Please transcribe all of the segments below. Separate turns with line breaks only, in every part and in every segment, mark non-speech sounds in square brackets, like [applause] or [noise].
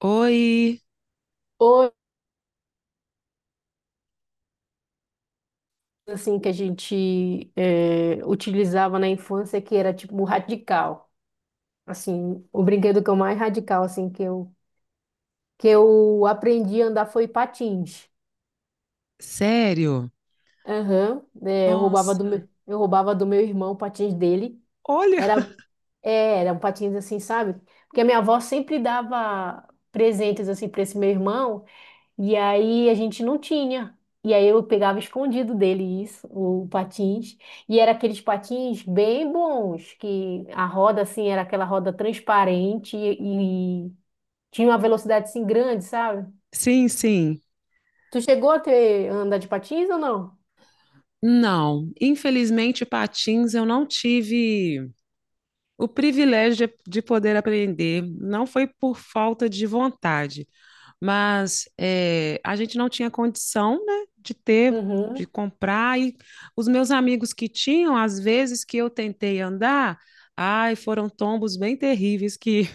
Oi,
Ou assim que a gente utilizava na infância que era tipo radical. Assim, o brinquedo que eu mais radical assim que eu aprendi a andar foi patins.
sério?
Aham, né,
Nossa,
eu roubava do meu irmão o patins dele.
olha,
Era era um patins assim, sabe? Porque a minha avó sempre dava presentes assim para esse meu irmão. E aí a gente não tinha. E aí eu pegava escondido dele isso, o patins. E era aqueles patins bem bons, que a roda assim era aquela roda transparente e tinha uma velocidade assim grande, sabe?
sim, sim.
Tu chegou a ter andar de patins ou não?
Não, infelizmente, patins eu não tive o privilégio de poder aprender. Não foi por falta de vontade, mas a gente não tinha condição, né, de ter, de
Uhum.
comprar. E os meus amigos que tinham, às vezes que eu tentei andar, ai, foram tombos bem terríveis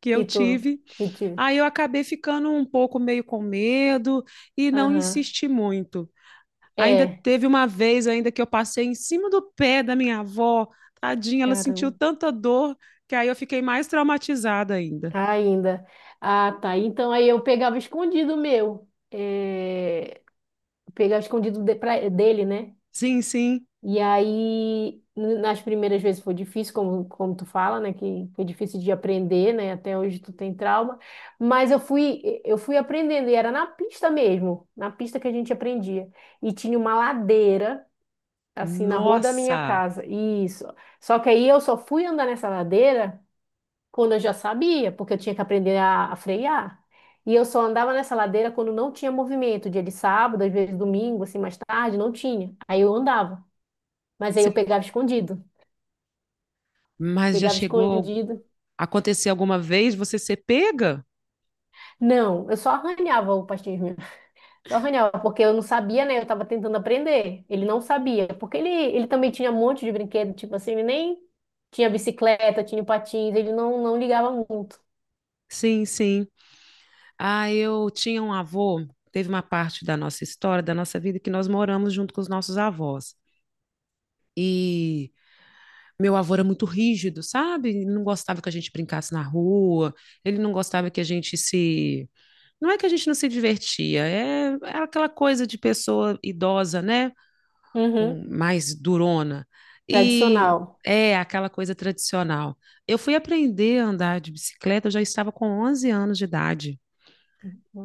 que
Que
eu
tu
tive.
que te...
Aí eu acabei ficando um pouco meio com medo e não
Aham.
insisti muito. Ainda
É,
teve uma vez ainda que eu passei em cima do pé da minha avó, tadinha, ela sentiu
caramba.
tanta dor que aí eu fiquei mais traumatizada ainda.
Tá. Ainda. Ah, tá. Então aí eu pegava escondido o meu. É, pegava escondido dele, né?
Sim, sim.
E aí, nas primeiras vezes foi difícil, como, como tu fala, né? Que foi difícil de aprender, né? Até hoje tu tem trauma. Mas eu fui aprendendo, e era na pista mesmo, na pista que a gente aprendia. E tinha uma ladeira, assim, na rua da minha
Nossa!
casa. Isso. Só que aí eu só fui andar nessa ladeira quando eu já sabia, porque eu tinha que aprender a frear. E eu só andava nessa ladeira quando não tinha movimento, dia de sábado, às vezes domingo, assim, mais tarde, não tinha. Aí eu andava. Mas aí
Cê-
eu pegava escondido.
Mas já
Pegava
chegou
escondido.
a acontecer alguma vez você ser pega?
Não, eu só arranhava o pastinho mesmo. Só arranhava, porque eu não sabia, né? Eu tava tentando aprender. Ele não sabia. Porque ele também tinha um monte de brinquedo, tipo assim, ele nem tinha bicicleta, tinha patins, ele não ligava muito.
Sim, sim. Ah, eu tinha um avô, teve uma parte da nossa história, da nossa vida, que nós moramos junto com os nossos avós. E meu avô era muito rígido, sabe? Ele não gostava que a gente brincasse na rua, ele não gostava que a gente se. Não é que a gente não se divertia, é aquela coisa de pessoa idosa, né?
Uhum.
Com mais durona. E
Tradicional.
é aquela coisa tradicional. Eu fui aprender a andar de bicicleta, eu já estava com 11 anos de idade.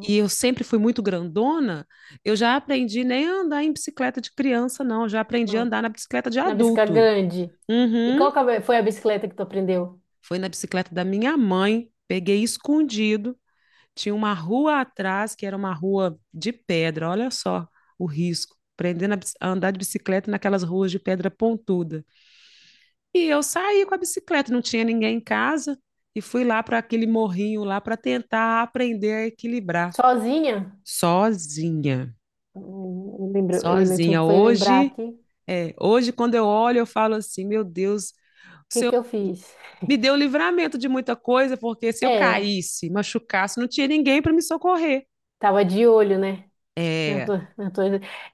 E eu sempre fui muito grandona, eu já aprendi nem a andar em bicicleta de criança, não. Eu já aprendi a
não.
andar na bicicleta de
Na bicicleta
adulto.
grande. E
Uhum.
qual que foi a bicicleta que tu aprendeu?
Foi na bicicleta da minha mãe, peguei escondido. Tinha uma rua atrás, que era uma rua de pedra, olha só o risco. Aprendendo a andar de bicicleta naquelas ruas de pedra pontuda. E eu saí com a bicicleta, não tinha ninguém em casa, e fui lá para aquele morrinho lá para tentar aprender a equilibrar
Sozinha?
sozinha.
Eu me lembro,
Sozinha.
foi lembrar
Hoje,
aqui. O
hoje quando eu olho, eu falo assim, meu Deus,
que
se
que eu fiz?
me deu livramento de muita coisa, porque se eu
É,
caísse, machucasse, não tinha ninguém para me socorrer.
tava de olho, né? Eu
É,
tô- eu tô-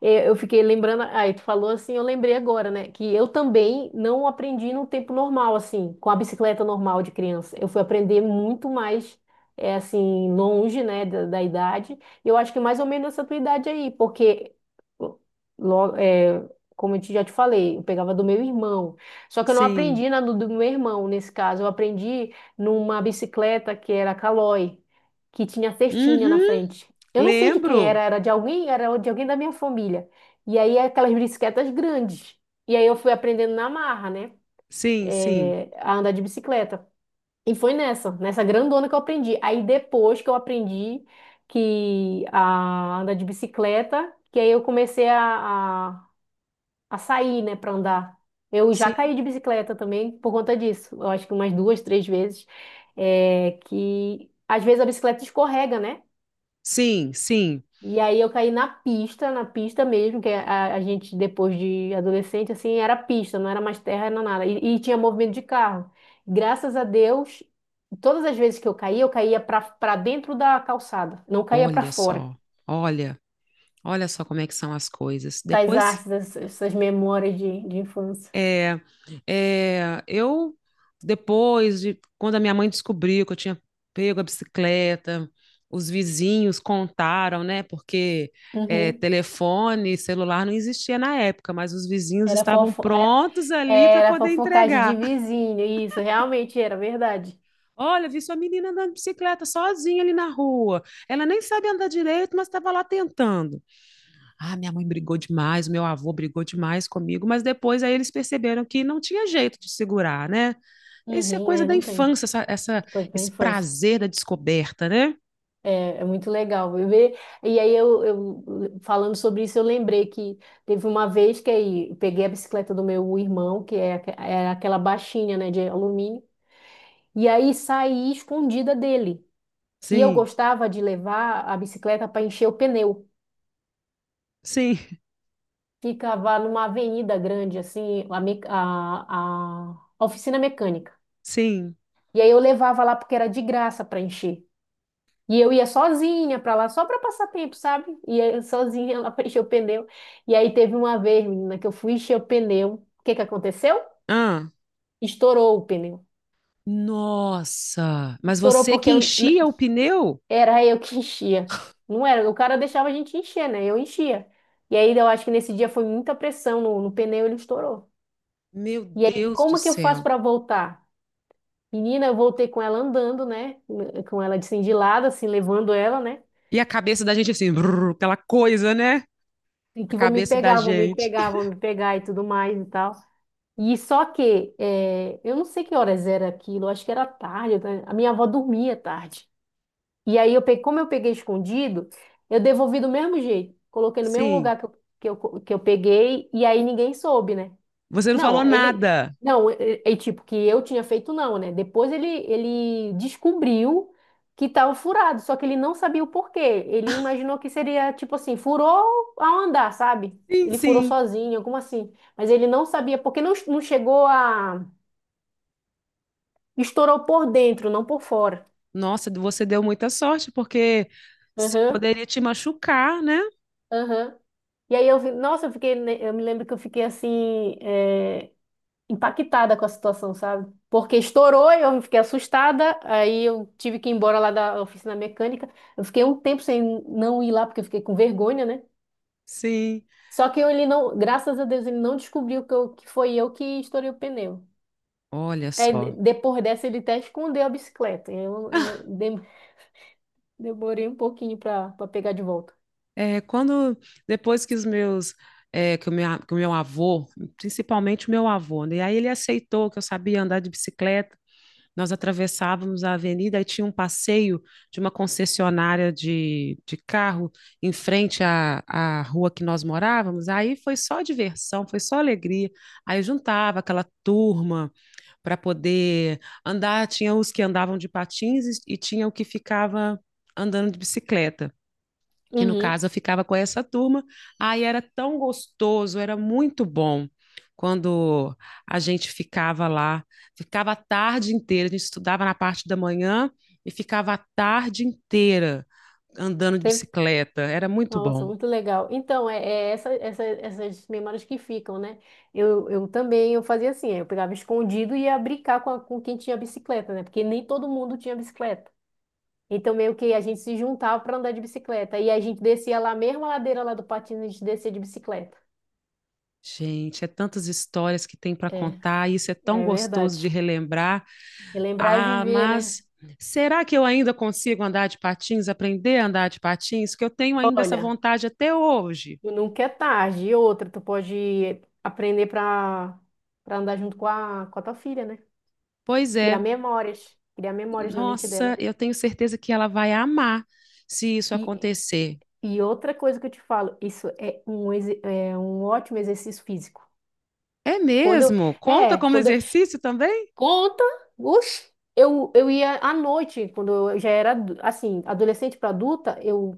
é, eu fiquei lembrando, aí tu falou assim, eu lembrei agora, né, que eu também não aprendi no tempo normal, assim, com a bicicleta normal de criança. Eu fui aprender muito mais, é, assim, longe, né, da idade. E eu acho que é mais ou menos essa tua idade aí, porque, logo, como já te falei, eu pegava do meu irmão. Só que eu não
sim.
aprendi na do meu irmão, nesse caso. Eu aprendi numa bicicleta que era Caloi, que tinha cestinha na
Uhum,
frente. Eu não sei de quem era,
lembro.
era de alguém da minha família. E aí aquelas bicicletas grandes. E aí eu fui aprendendo na marra, né?
Sim, sim,
A andar de bicicleta. E foi nessa grandona que eu aprendi. Aí depois que eu aprendi que a andar de bicicleta, que aí eu comecei a sair, né, para andar. Eu já
sim,
caí de bicicleta também por conta disso. Eu acho que umas duas, três vezes. É, que às vezes a bicicleta escorrega, né?
sim, sim.
E aí eu caí na pista mesmo, que a gente, depois de adolescente, assim, era pista, não era mais terra, era nada. E tinha movimento de carro. Graças a Deus, todas as vezes que eu caía para dentro da calçada, não caía para
Olha
fora.
só, olha, olha só como é que são as coisas.
Essas
Depois
artes, essas memórias de infância.
É, é, eu, depois de quando a minha mãe descobriu que eu tinha pego a bicicleta, os vizinhos contaram, né? Porque
Uhum.
telefone, celular não existia na época, mas os vizinhos
Era
estavam
fofo,
prontos
é,
ali para
era
poder
fofocagem de
entregar.
vizinho, isso, realmente era verdade.
Olha, vi sua menina andando de bicicleta sozinha ali na rua. Ela nem sabe andar direito, mas estava lá tentando. Ah, minha mãe brigou demais, meu avô brigou demais comigo, mas depois aí eles perceberam que não tinha jeito de segurar, né? Isso é
Uhum,
coisa
é,
da
não tem,
infância,
coisa da
esse
infância.
prazer da descoberta, né?
É é muito legal ver. E aí falando sobre isso, eu lembrei que teve uma vez que aí eu peguei a bicicleta do meu irmão, que é, era aquela baixinha, né, de alumínio, e aí saí escondida dele. E eu
Sim,
gostava de levar a bicicleta para encher o pneu.
sim,
Ficava numa avenida grande, assim, a oficina mecânica.
sim.
E aí eu levava lá porque era de graça para encher. E eu ia sozinha pra lá, só pra passar tempo, sabe? Ia sozinha lá [laughs] pra encher o pneu. E aí teve uma vez, menina, que eu fui encher o pneu. O que que aconteceu?
Ah,
Estourou o pneu.
nossa! Mas
Estourou
você que enchia o pneu?
era eu que enchia. Não era, o cara deixava a gente encher, né? Eu enchia. E aí eu acho que nesse dia foi muita pressão no pneu, ele estourou.
Meu
E aí,
Deus do
como que eu faço
céu!
pra voltar? Menina, eu voltei com ela andando, né? Com ela assim, de lado, assim, levando ela, né?
E a cabeça da gente assim, brrr, aquela coisa, né?
E
A
que vão me
cabeça da
pegar, vão me
gente.
pegar, vão
[laughs]
me pegar e tudo mais e tal. E só que, eu não sei que horas era aquilo, acho que era tarde, né? A minha avó dormia tarde. E aí, como eu peguei escondido, eu devolvi do mesmo jeito. Coloquei no mesmo
Sim,
lugar que eu peguei, e aí ninguém soube, né?
você não falou
Não, ele.
nada.
Não, é, é é tipo que eu tinha feito, não, né? Depois ele descobriu que estava furado, só que ele não sabia o porquê. Ele imaginou que seria tipo assim, furou ao andar, sabe?
Sim,
Ele furou
sim.
sozinho, alguma assim. Mas ele não sabia, porque não chegou a. Estourou por dentro, não por fora.
Nossa, você deu muita sorte, porque se
Aham,
poderia te machucar, né?
aham. E aí eu vi, nossa, eu fiquei, né, eu me lembro que eu fiquei assim, é, impactada com a situação, sabe? Porque estourou e eu fiquei assustada, aí eu tive que ir embora lá da oficina mecânica. Eu fiquei um tempo sem não ir lá porque eu fiquei com vergonha, né?
Sim.
Só que ele não, graças a Deus, ele não descobriu que foi eu que estourei o pneu.
Olha
Aí,
só.
depois dessa, ele até escondeu a bicicleta. Eu não- dem- demorei um pouquinho para pegar de volta.
É, quando depois que os meus que o meu avô, principalmente o meu avô, né? E aí ele aceitou que eu sabia andar de bicicleta. Nós atravessávamos a avenida e tinha um passeio de uma concessionária de carro em frente à rua que nós morávamos. Aí foi só diversão, foi só alegria. Aí juntava aquela turma para poder andar. Tinha os que andavam de patins e tinha o que ficava andando de bicicleta que no
Uhum.
caso eu ficava com essa turma. Aí era tão gostoso, era muito bom quando a gente ficava lá, ficava a tarde inteira, a gente estudava na parte da manhã e ficava a tarde inteira andando de
Teve.
bicicleta, era muito
Nossa,
bom.
muito legal. Então, é, essas memórias que ficam, né? Eu também eu fazia assim, eu pegava escondido e ia brincar com, com quem tinha bicicleta, né? Porque nem todo mundo tinha bicicleta. Então, meio que a gente se juntava para andar de bicicleta. E a gente descia lá, mesmo a ladeira lá do patins, a gente descia de bicicleta.
Gente, é tantas histórias que tem para
É,
contar, isso é tão
é
gostoso
verdade.
de relembrar.
Relembrar e
Ah,
viver, né?
mas será que eu ainda consigo andar de patins, aprender a andar de patins? Que eu tenho ainda essa
Olha,
vontade até hoje.
nunca é tarde. E outra, tu pode aprender para andar junto com a tua filha, né?
Pois
Criar
é,
memórias. Criar memórias na mente dela.
nossa, eu tenho certeza que ela vai amar se isso
E,
acontecer.
e outra coisa que eu te falo, isso é um, é um ótimo exercício físico.
É
Quando
mesmo?
eu,
Conta como
quando eu,
exercício também?
conta, oxe, eu ia à noite, quando eu já era assim, adolescente para adulta,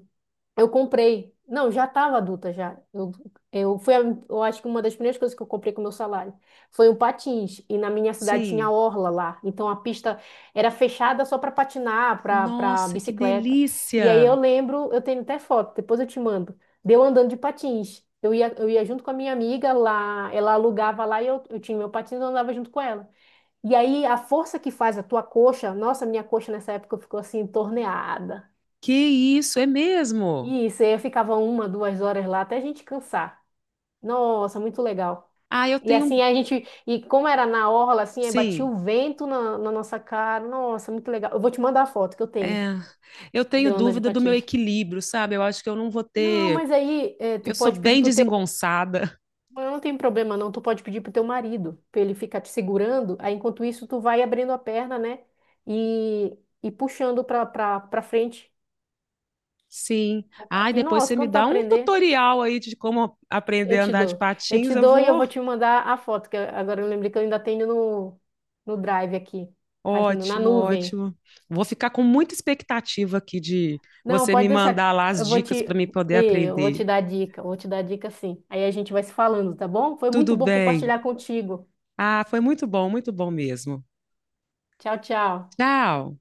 eu comprei. Não, já estava adulta já. Eu foi, a- eu acho que uma das primeiras coisas que eu comprei com o meu salário foi um patins. E na minha cidade tinha
Sim.
orla lá. Então a pista era fechada só para patinar, para
Nossa, que
bicicleta. E aí eu
delícia!
lembro, eu tenho até foto, depois eu te mando. Deu andando de patins. Eu ia junto com a minha amiga lá, ela alugava lá e eu tinha meu patins, eu andava junto com ela. E aí a força que faz a tua coxa, nossa, minha coxa nessa época ficou assim torneada.
Que isso, é mesmo?
E isso, aí eu ficava uma, duas horas lá até a gente cansar. Nossa, muito legal.
Ah, eu
E
tenho.
assim a gente, e como era na orla, assim, aí batia
Sim.
o vento na nossa cara. Nossa, muito legal. Eu vou te mandar a foto que eu tenho
É, eu
de
tenho
eu andando de
dúvida do meu
patins.
equilíbrio, sabe? Eu acho que eu não vou
Não,
ter.
mas aí
Eu
tu
sou
pode pedir
bem
pro teu.
desengonçada.
Não tem problema, não. Tu pode pedir pro teu marido, pra ele ficar te segurando. Aí enquanto isso, tu vai abrindo a perna, né? E puxando pra frente.
[laughs] Sim.
O
Ai,
patins.
depois você
Nossa,
me
quando tu
dá um
aprender.
tutorial aí de como
Eu
aprender a
te
andar de
dou. Eu
patins,
te
eu
dou e eu
vou.
vou te mandar a foto, agora eu lembrei que eu ainda tenho no Drive aqui, na
Ótimo,
nuvem.
ótimo. Vou ficar com muita expectativa aqui de
Não,
você
pode
me
deixar.
mandar lá as dicas para me poder
Eu vou
aprender.
te dar dica, eu vou te dar dica sim. Aí a gente vai se falando, tá bom? Foi
Tudo
muito bom
bem.
compartilhar contigo.
Ah, foi muito bom mesmo.
Tchau, tchau.
Tchau.